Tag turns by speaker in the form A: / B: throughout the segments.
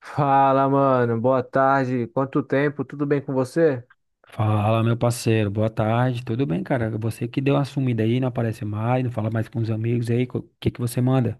A: Fala, mano. Boa tarde. Quanto tempo? Tudo bem com você?
B: Fala, meu parceiro, boa tarde, tudo bem, cara? Você que deu uma sumida aí, não aparece mais, não fala mais com os amigos aí, o que que você manda?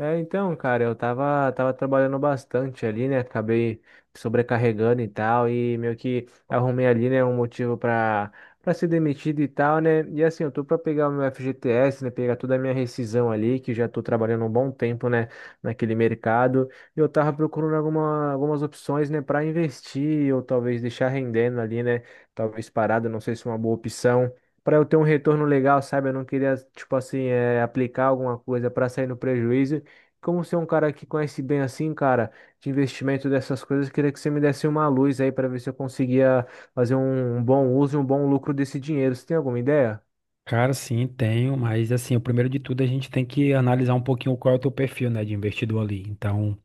A: Então, cara, eu tava trabalhando bastante ali, né? Acabei sobrecarregando e tal, e meio que arrumei ali, né, um motivo pra ser demitido e tal, né? E assim, eu tô pra pegar o meu FGTS, né? Pegar toda a minha rescisão ali, que já tô trabalhando um bom tempo, né, naquele mercado. E eu tava procurando algumas opções, né, pra investir, ou talvez deixar rendendo ali, né? Talvez parado, não sei se é uma boa opção para eu ter um retorno legal, sabe? Eu não queria, tipo assim, aplicar alguma coisa para sair no prejuízo como ser um cara que conhece bem assim, cara, de investimento dessas coisas, queria que você me desse uma luz aí para ver se eu conseguia fazer um bom uso e um bom lucro desse dinheiro. Você tem alguma ideia?
B: Cara, sim, tenho, mas assim, o primeiro de tudo a gente tem que analisar um pouquinho qual é o teu perfil, né, de investidor ali. Então,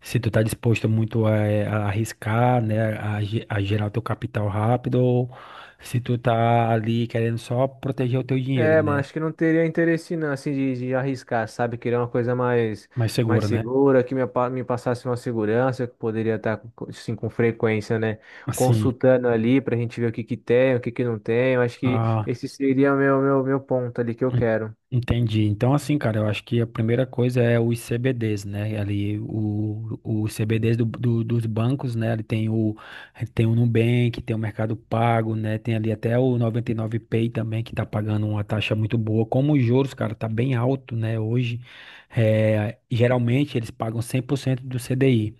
B: se tu tá disposto muito a, a arriscar, né, a gerar o teu capital rápido, ou se tu tá ali querendo só proteger o teu dinheiro,
A: É, mas
B: né,
A: acho que não teria interesse não, assim, de arriscar, sabe? Queria uma coisa
B: mais
A: mais
B: seguro, né?
A: segura, que me, me passasse uma segurança, que eu poderia estar, assim, com frequência, né?
B: Assim,
A: Consultando ali pra gente ver o que que tem, o que que não tem. Eu acho que esse seria o meu ponto ali que eu
B: En-
A: quero.
B: Entendi. Então, assim, cara, eu acho que a primeira coisa é os CBDs, né? Ali, os CBDs dos bancos, né? Ali tem o Nubank, tem o Mercado Pago, né? Tem ali até o 99Pay também, que tá pagando uma taxa muito boa. Como os juros, cara, tá bem alto, né? Hoje, geralmente eles pagam 100% do CDI.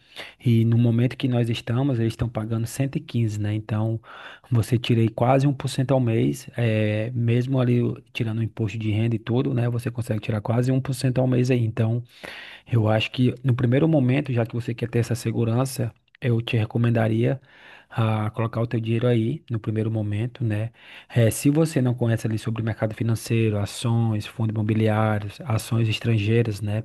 B: E no momento que nós estamos, eles estão pagando 115, né? Então, você tirei quase 1% ao mês, mesmo ali tirando o imposto de renda e tudo, né? Você consegue tirar quase 1% ao mês aí. Então, eu acho que no primeiro momento, já que você quer ter essa segurança, eu te recomendaria a colocar o teu dinheiro aí no primeiro momento, né? Se você não conhece ali sobre o mercado financeiro, ações, fundos imobiliários, ações estrangeiras, né?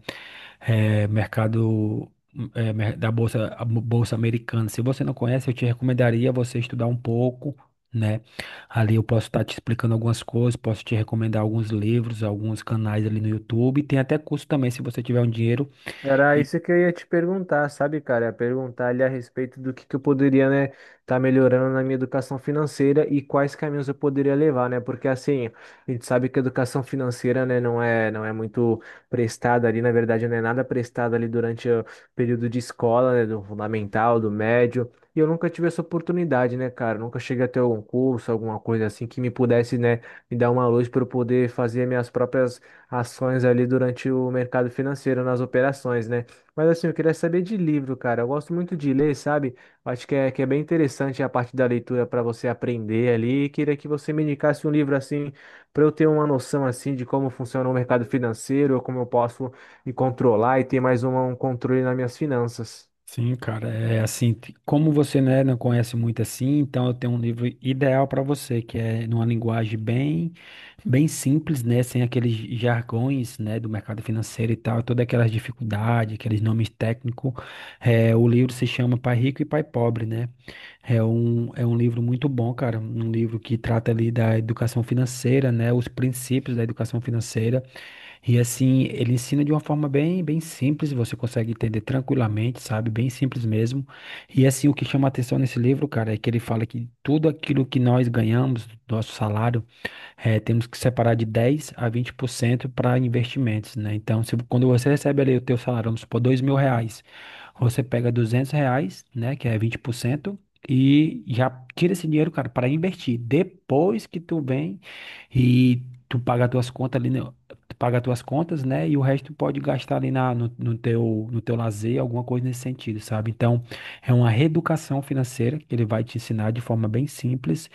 B: Eh, mercado da bolsa, bolsa americana. Se você não conhece, eu te recomendaria você estudar um pouco. Né? Ali eu posso estar te explicando algumas coisas, posso te recomendar alguns livros, alguns canais ali no YouTube. Tem até curso também, se você tiver um dinheiro.
A: Era isso que eu ia te perguntar, sabe, cara? Ia perguntar ali a respeito do que eu poderia, né, tá melhorando na minha educação financeira e quais caminhos eu poderia levar, né? Porque assim, a gente sabe que a educação financeira, né, não é muito prestada ali, na verdade, não é nada prestada ali durante o período de escola, né, do fundamental, do médio. E eu nunca tive essa oportunidade, né, cara? Nunca cheguei a ter algum curso, alguma coisa assim que me pudesse, né, me dar uma luz para eu poder fazer minhas próprias ações ali durante o mercado financeiro, nas operações, né? Mas assim, eu queria saber de livro, cara. Eu gosto muito de ler, sabe? Eu acho que é bem interessante a parte da leitura para você aprender ali. E queria que você me indicasse um livro assim, para eu ter uma noção assim de como funciona o mercado financeiro, como eu posso me controlar e ter mais um controle nas minhas finanças.
B: Sim, cara, é assim, como você, né, não conhece muito assim, então eu tenho um livro ideal para você, que é numa linguagem bem, bem simples, né, sem aqueles jargões, né, do mercado financeiro e tal, todas aquelas dificuldades, aqueles nomes técnicos. É, o livro se chama Pai Rico e Pai Pobre, né? É um livro muito bom, cara, um livro que trata ali da educação financeira, né, os princípios da educação financeira. E assim, ele ensina de uma forma bem, bem simples, você consegue entender tranquilamente, sabe? Bem simples mesmo. E assim, o que chama atenção nesse livro, cara, é que ele fala que tudo aquilo que nós ganhamos, do nosso salário, temos que separar de 10 a 20% para investimentos, né? Então, se, quando você recebe ali o teu salário, vamos supor, 2 mil reais, você pega R$ 200, né, que é 20% e já tira esse dinheiro, cara, para investir. Depois que tu vem e tu paga as tuas contas ali, né, tu paga as tuas contas, né, e o resto tu pode gastar ali na, no, no teu, no teu lazer, alguma coisa nesse sentido, sabe? Então, é uma reeducação financeira que ele vai te ensinar de forma bem simples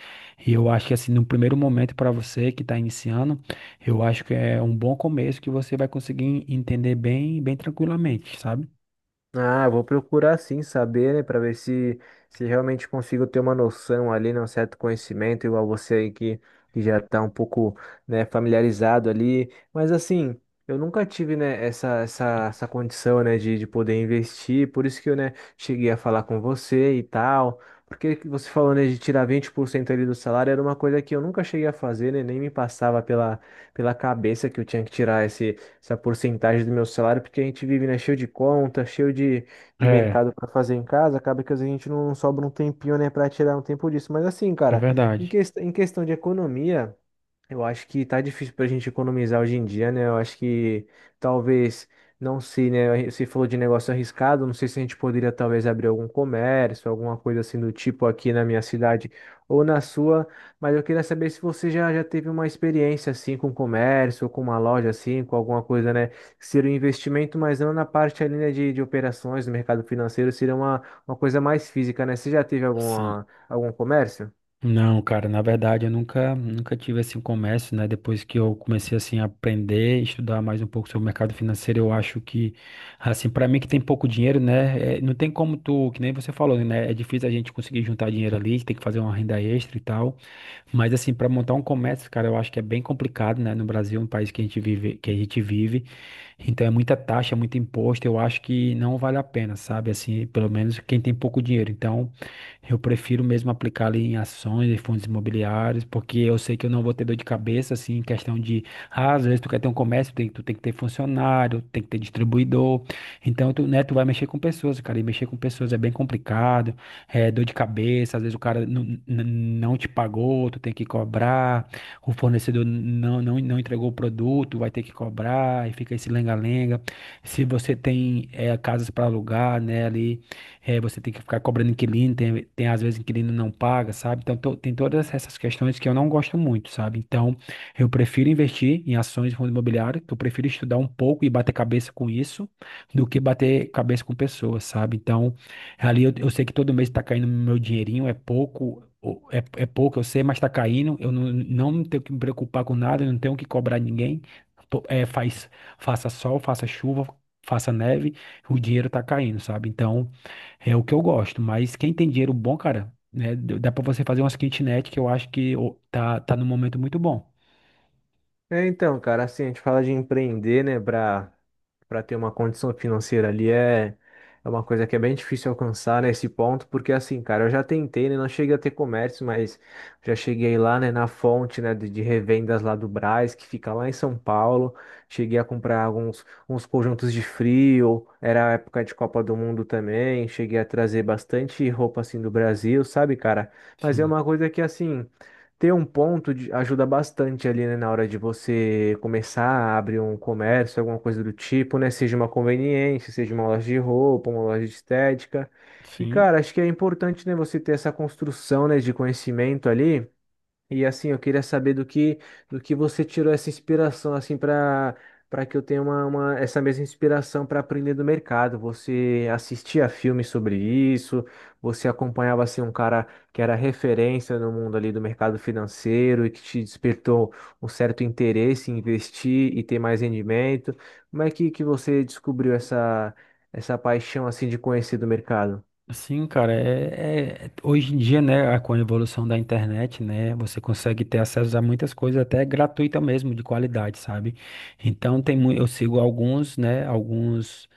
B: e eu acho que assim, no primeiro momento para você que está iniciando, eu acho que é um bom começo que você vai conseguir entender bem, bem tranquilamente, sabe?
A: Ah, eu vou procurar sim saber, né, para ver se realmente consigo ter uma noção ali, né, um certo conhecimento igual você aí que já está um pouco, né, familiarizado ali, mas assim, eu nunca tive, né, essa condição, né, de poder investir, por isso que eu, né, cheguei a falar com você e tal. Porque que você falou, né, de tirar 20% ali do salário era uma coisa que eu nunca cheguei a fazer, né, nem me passava pela, pela cabeça que eu tinha que tirar essa porcentagem do meu salário, porque a gente vive, né, cheio de conta, cheio de
B: É,
A: mercado para fazer em casa, acaba que às vezes a gente não sobra um tempinho, né, para tirar um tempo disso. Mas assim,
B: é
A: cara,
B: verdade.
A: em questão de economia. Eu acho que tá difícil pra gente economizar hoje em dia, né? Eu acho que talvez, não sei, né? Você falou de negócio arriscado, não sei se a gente poderia talvez abrir algum comércio, alguma coisa assim do tipo aqui na minha cidade ou na sua, mas eu queria saber se você já teve uma experiência assim com comércio, ou com uma loja assim, com alguma coisa, né? Que seria um investimento, mas não na parte ali, né, de operações, do mercado financeiro, seria uma coisa mais física, né? Você já teve
B: Sim.
A: alguma, algum comércio?
B: Não, cara, na verdade eu nunca, nunca tive assim um comércio, né? Depois que eu comecei assim a aprender, estudar mais um pouco sobre o mercado financeiro, eu acho que assim, para mim que tem pouco dinheiro, né, não tem como tu, que nem você falou, né? É difícil a gente conseguir juntar dinheiro ali, tem que fazer uma renda extra e tal. Mas assim, para montar um comércio, cara, eu acho que é bem complicado, né? No Brasil, um país que a gente vive, então é muita taxa, muito imposto, eu acho que não vale a pena, sabe? Assim, pelo menos quem tem pouco dinheiro. Então, eu prefiro mesmo aplicar ali em ações e fundos imobiliários, porque eu sei que eu não vou ter dor de cabeça, assim, em questão de, ah, às vezes tu quer ter um comércio, tu tem que ter funcionário, tem que ter distribuidor. Então, tu, né, tu vai mexer com pessoas, cara, e mexer com pessoas é bem complicado, é dor de cabeça, às vezes o cara não, não te pagou, tu tem que cobrar, o fornecedor não, não, não entregou o produto, vai ter que cobrar, e fica esse lenga-lenga. Se você tem casas para alugar, né, ali, você tem que ficar cobrando inquilino, tem às vezes inquilino não paga, sabe? Então, tem todas essas questões que eu não gosto muito, sabe? Então, eu prefiro investir em ações de fundo imobiliário, que eu prefiro estudar um pouco e bater cabeça com isso, do que bater cabeça com pessoas, sabe? Então, ali eu sei que todo mês tá caindo meu dinheirinho, é pouco, é pouco, eu sei, mas tá caindo. Eu não, não tenho que me preocupar com nada, eu não tenho que cobrar ninguém. Pô, é, faça sol, faça chuva, faça neve, o dinheiro tá caindo, sabe? Então, é o que eu gosto. Mas quem tem dinheiro bom, cara, né? Dá pra você fazer umas kitnet que eu acho que ô, tá num momento muito bom.
A: É, então, cara, assim, a gente fala de empreender, né, pra ter uma condição financeira ali é uma coisa que é bem difícil alcançar, né, esse ponto, porque assim, cara, eu já tentei, né, não cheguei a ter comércio, mas já cheguei lá, né, na fonte, né, de revendas lá do Brás, que fica lá em São Paulo, cheguei a comprar alguns uns conjuntos de frio, era a época de Copa do Mundo também, cheguei a trazer bastante roupa, assim, do Brasil, sabe, cara? Mas é
B: Sim,
A: uma coisa que, assim ter um ajuda bastante ali, né, na hora de você começar a abrir um comércio, alguma coisa do tipo, né? Seja uma conveniência, seja uma loja de roupa, uma loja de estética. E,
B: sim.
A: cara, acho que é importante, né, você ter essa construção, né, de conhecimento ali. E assim, eu queria saber do que você tirou essa inspiração assim para que eu tenha essa mesma inspiração para aprender do mercado. Você assistia filmes sobre isso? Você acompanhava assim um cara que era referência no mundo ali do mercado financeiro e que te despertou um certo interesse em investir e ter mais rendimento? Como é que você descobriu essa paixão assim de conhecer do mercado?
B: Sim, cara, hoje em dia, né, com a evolução da internet, né, você consegue ter acesso a muitas coisas, até gratuita mesmo, de qualidade, sabe? Então, eu sigo alguns, né, alguns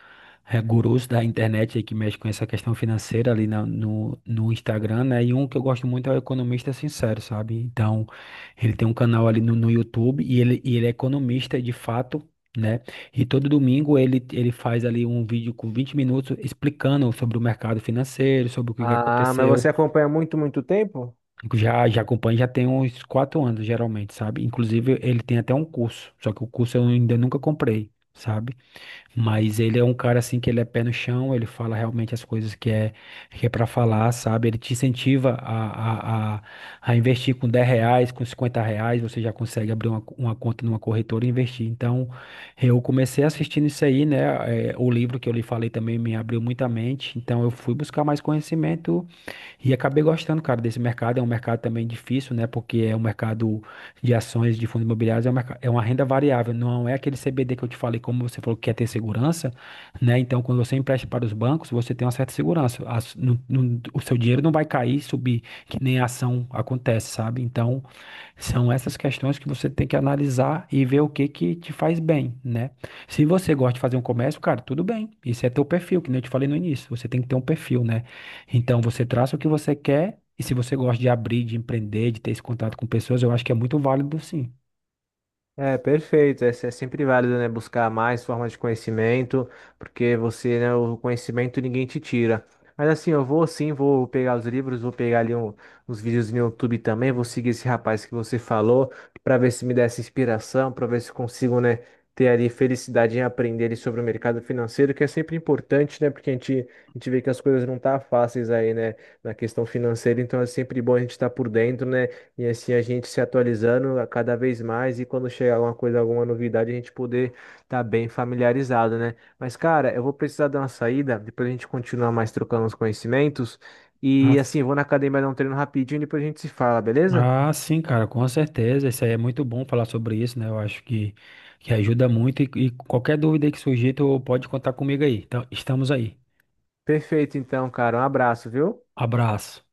B: é, gurus da internet aí que mexem com essa questão financeira ali no Instagram, né, e um que eu gosto muito é o Economista Sincero, sabe? Então, ele tem um canal ali no YouTube e e ele é economista de fato, né? E todo domingo ele faz ali um vídeo com 20 minutos explicando sobre o mercado financeiro, sobre o que que
A: Ah, mas você
B: aconteceu.
A: acompanha há muito, muito tempo?
B: Já acompanho, já tem uns 4 anos, geralmente, sabe? Inclusive, ele tem até um curso, só que o curso eu ainda nunca comprei, sabe? Mas ele é um cara assim que ele é pé no chão, ele fala realmente as coisas que é para falar, sabe? Ele te incentiva a investir com R$ 10, com R$ 50, você já consegue abrir uma conta numa corretora e investir. Então, eu comecei assistindo isso aí, né? É, o livro que eu lhe falei também me abriu muita mente, então eu fui buscar mais conhecimento e acabei gostando, cara, desse mercado. É um mercado também difícil, né? Porque é um mercado de ações de fundos imobiliários, é, é uma renda variável, não é aquele CBD que eu te falei, como você falou que quer ter segurança, né? Então, quando você empresta para os bancos, você tem uma certa segurança. O seu dinheiro não vai cair, subir, que nem a ação acontece, sabe? Então, são essas questões que você tem que analisar e ver o que que te faz bem, né? Se você gosta de fazer um comércio, cara, tudo bem. Isso é teu perfil, que nem eu te falei no início. Você tem que ter um perfil, né? Então você traça o que você quer e se você gosta de abrir, de empreender, de ter esse contato com pessoas, eu acho que é muito válido, sim.
A: É, perfeito. É, é sempre válido, né, buscar mais formas de conhecimento, porque você, né, o conhecimento ninguém te tira. Mas assim, eu vou sim, vou pegar os livros, vou pegar ali uns vídeos no YouTube também, vou seguir esse rapaz que você falou, para ver se me dá essa inspiração, para ver se consigo, né, ter ali felicidade em aprender ali sobre o mercado financeiro, que é sempre importante, né, porque a gente vê que as coisas não tá fáceis aí, né, na questão financeira, então é sempre bom a gente estar por dentro, né, e assim a gente se atualizando a cada vez mais e quando chegar alguma coisa, alguma novidade, a gente poder estar bem familiarizado, né? Mas, cara, eu vou precisar dar uma saída, depois a gente continua mais trocando os conhecimentos.
B: Ah,
A: E
B: s-
A: assim, eu vou na academia dar um treino rapidinho, e depois a gente se fala, beleza?
B: ah, sim, cara, com certeza. Isso aí é muito bom falar sobre isso, né? Eu acho que ajuda muito e qualquer dúvida aí que surgir, tu pode contar comigo aí. Então, estamos aí.
A: Perfeito, então, cara. Um abraço, viu?
B: Abraço.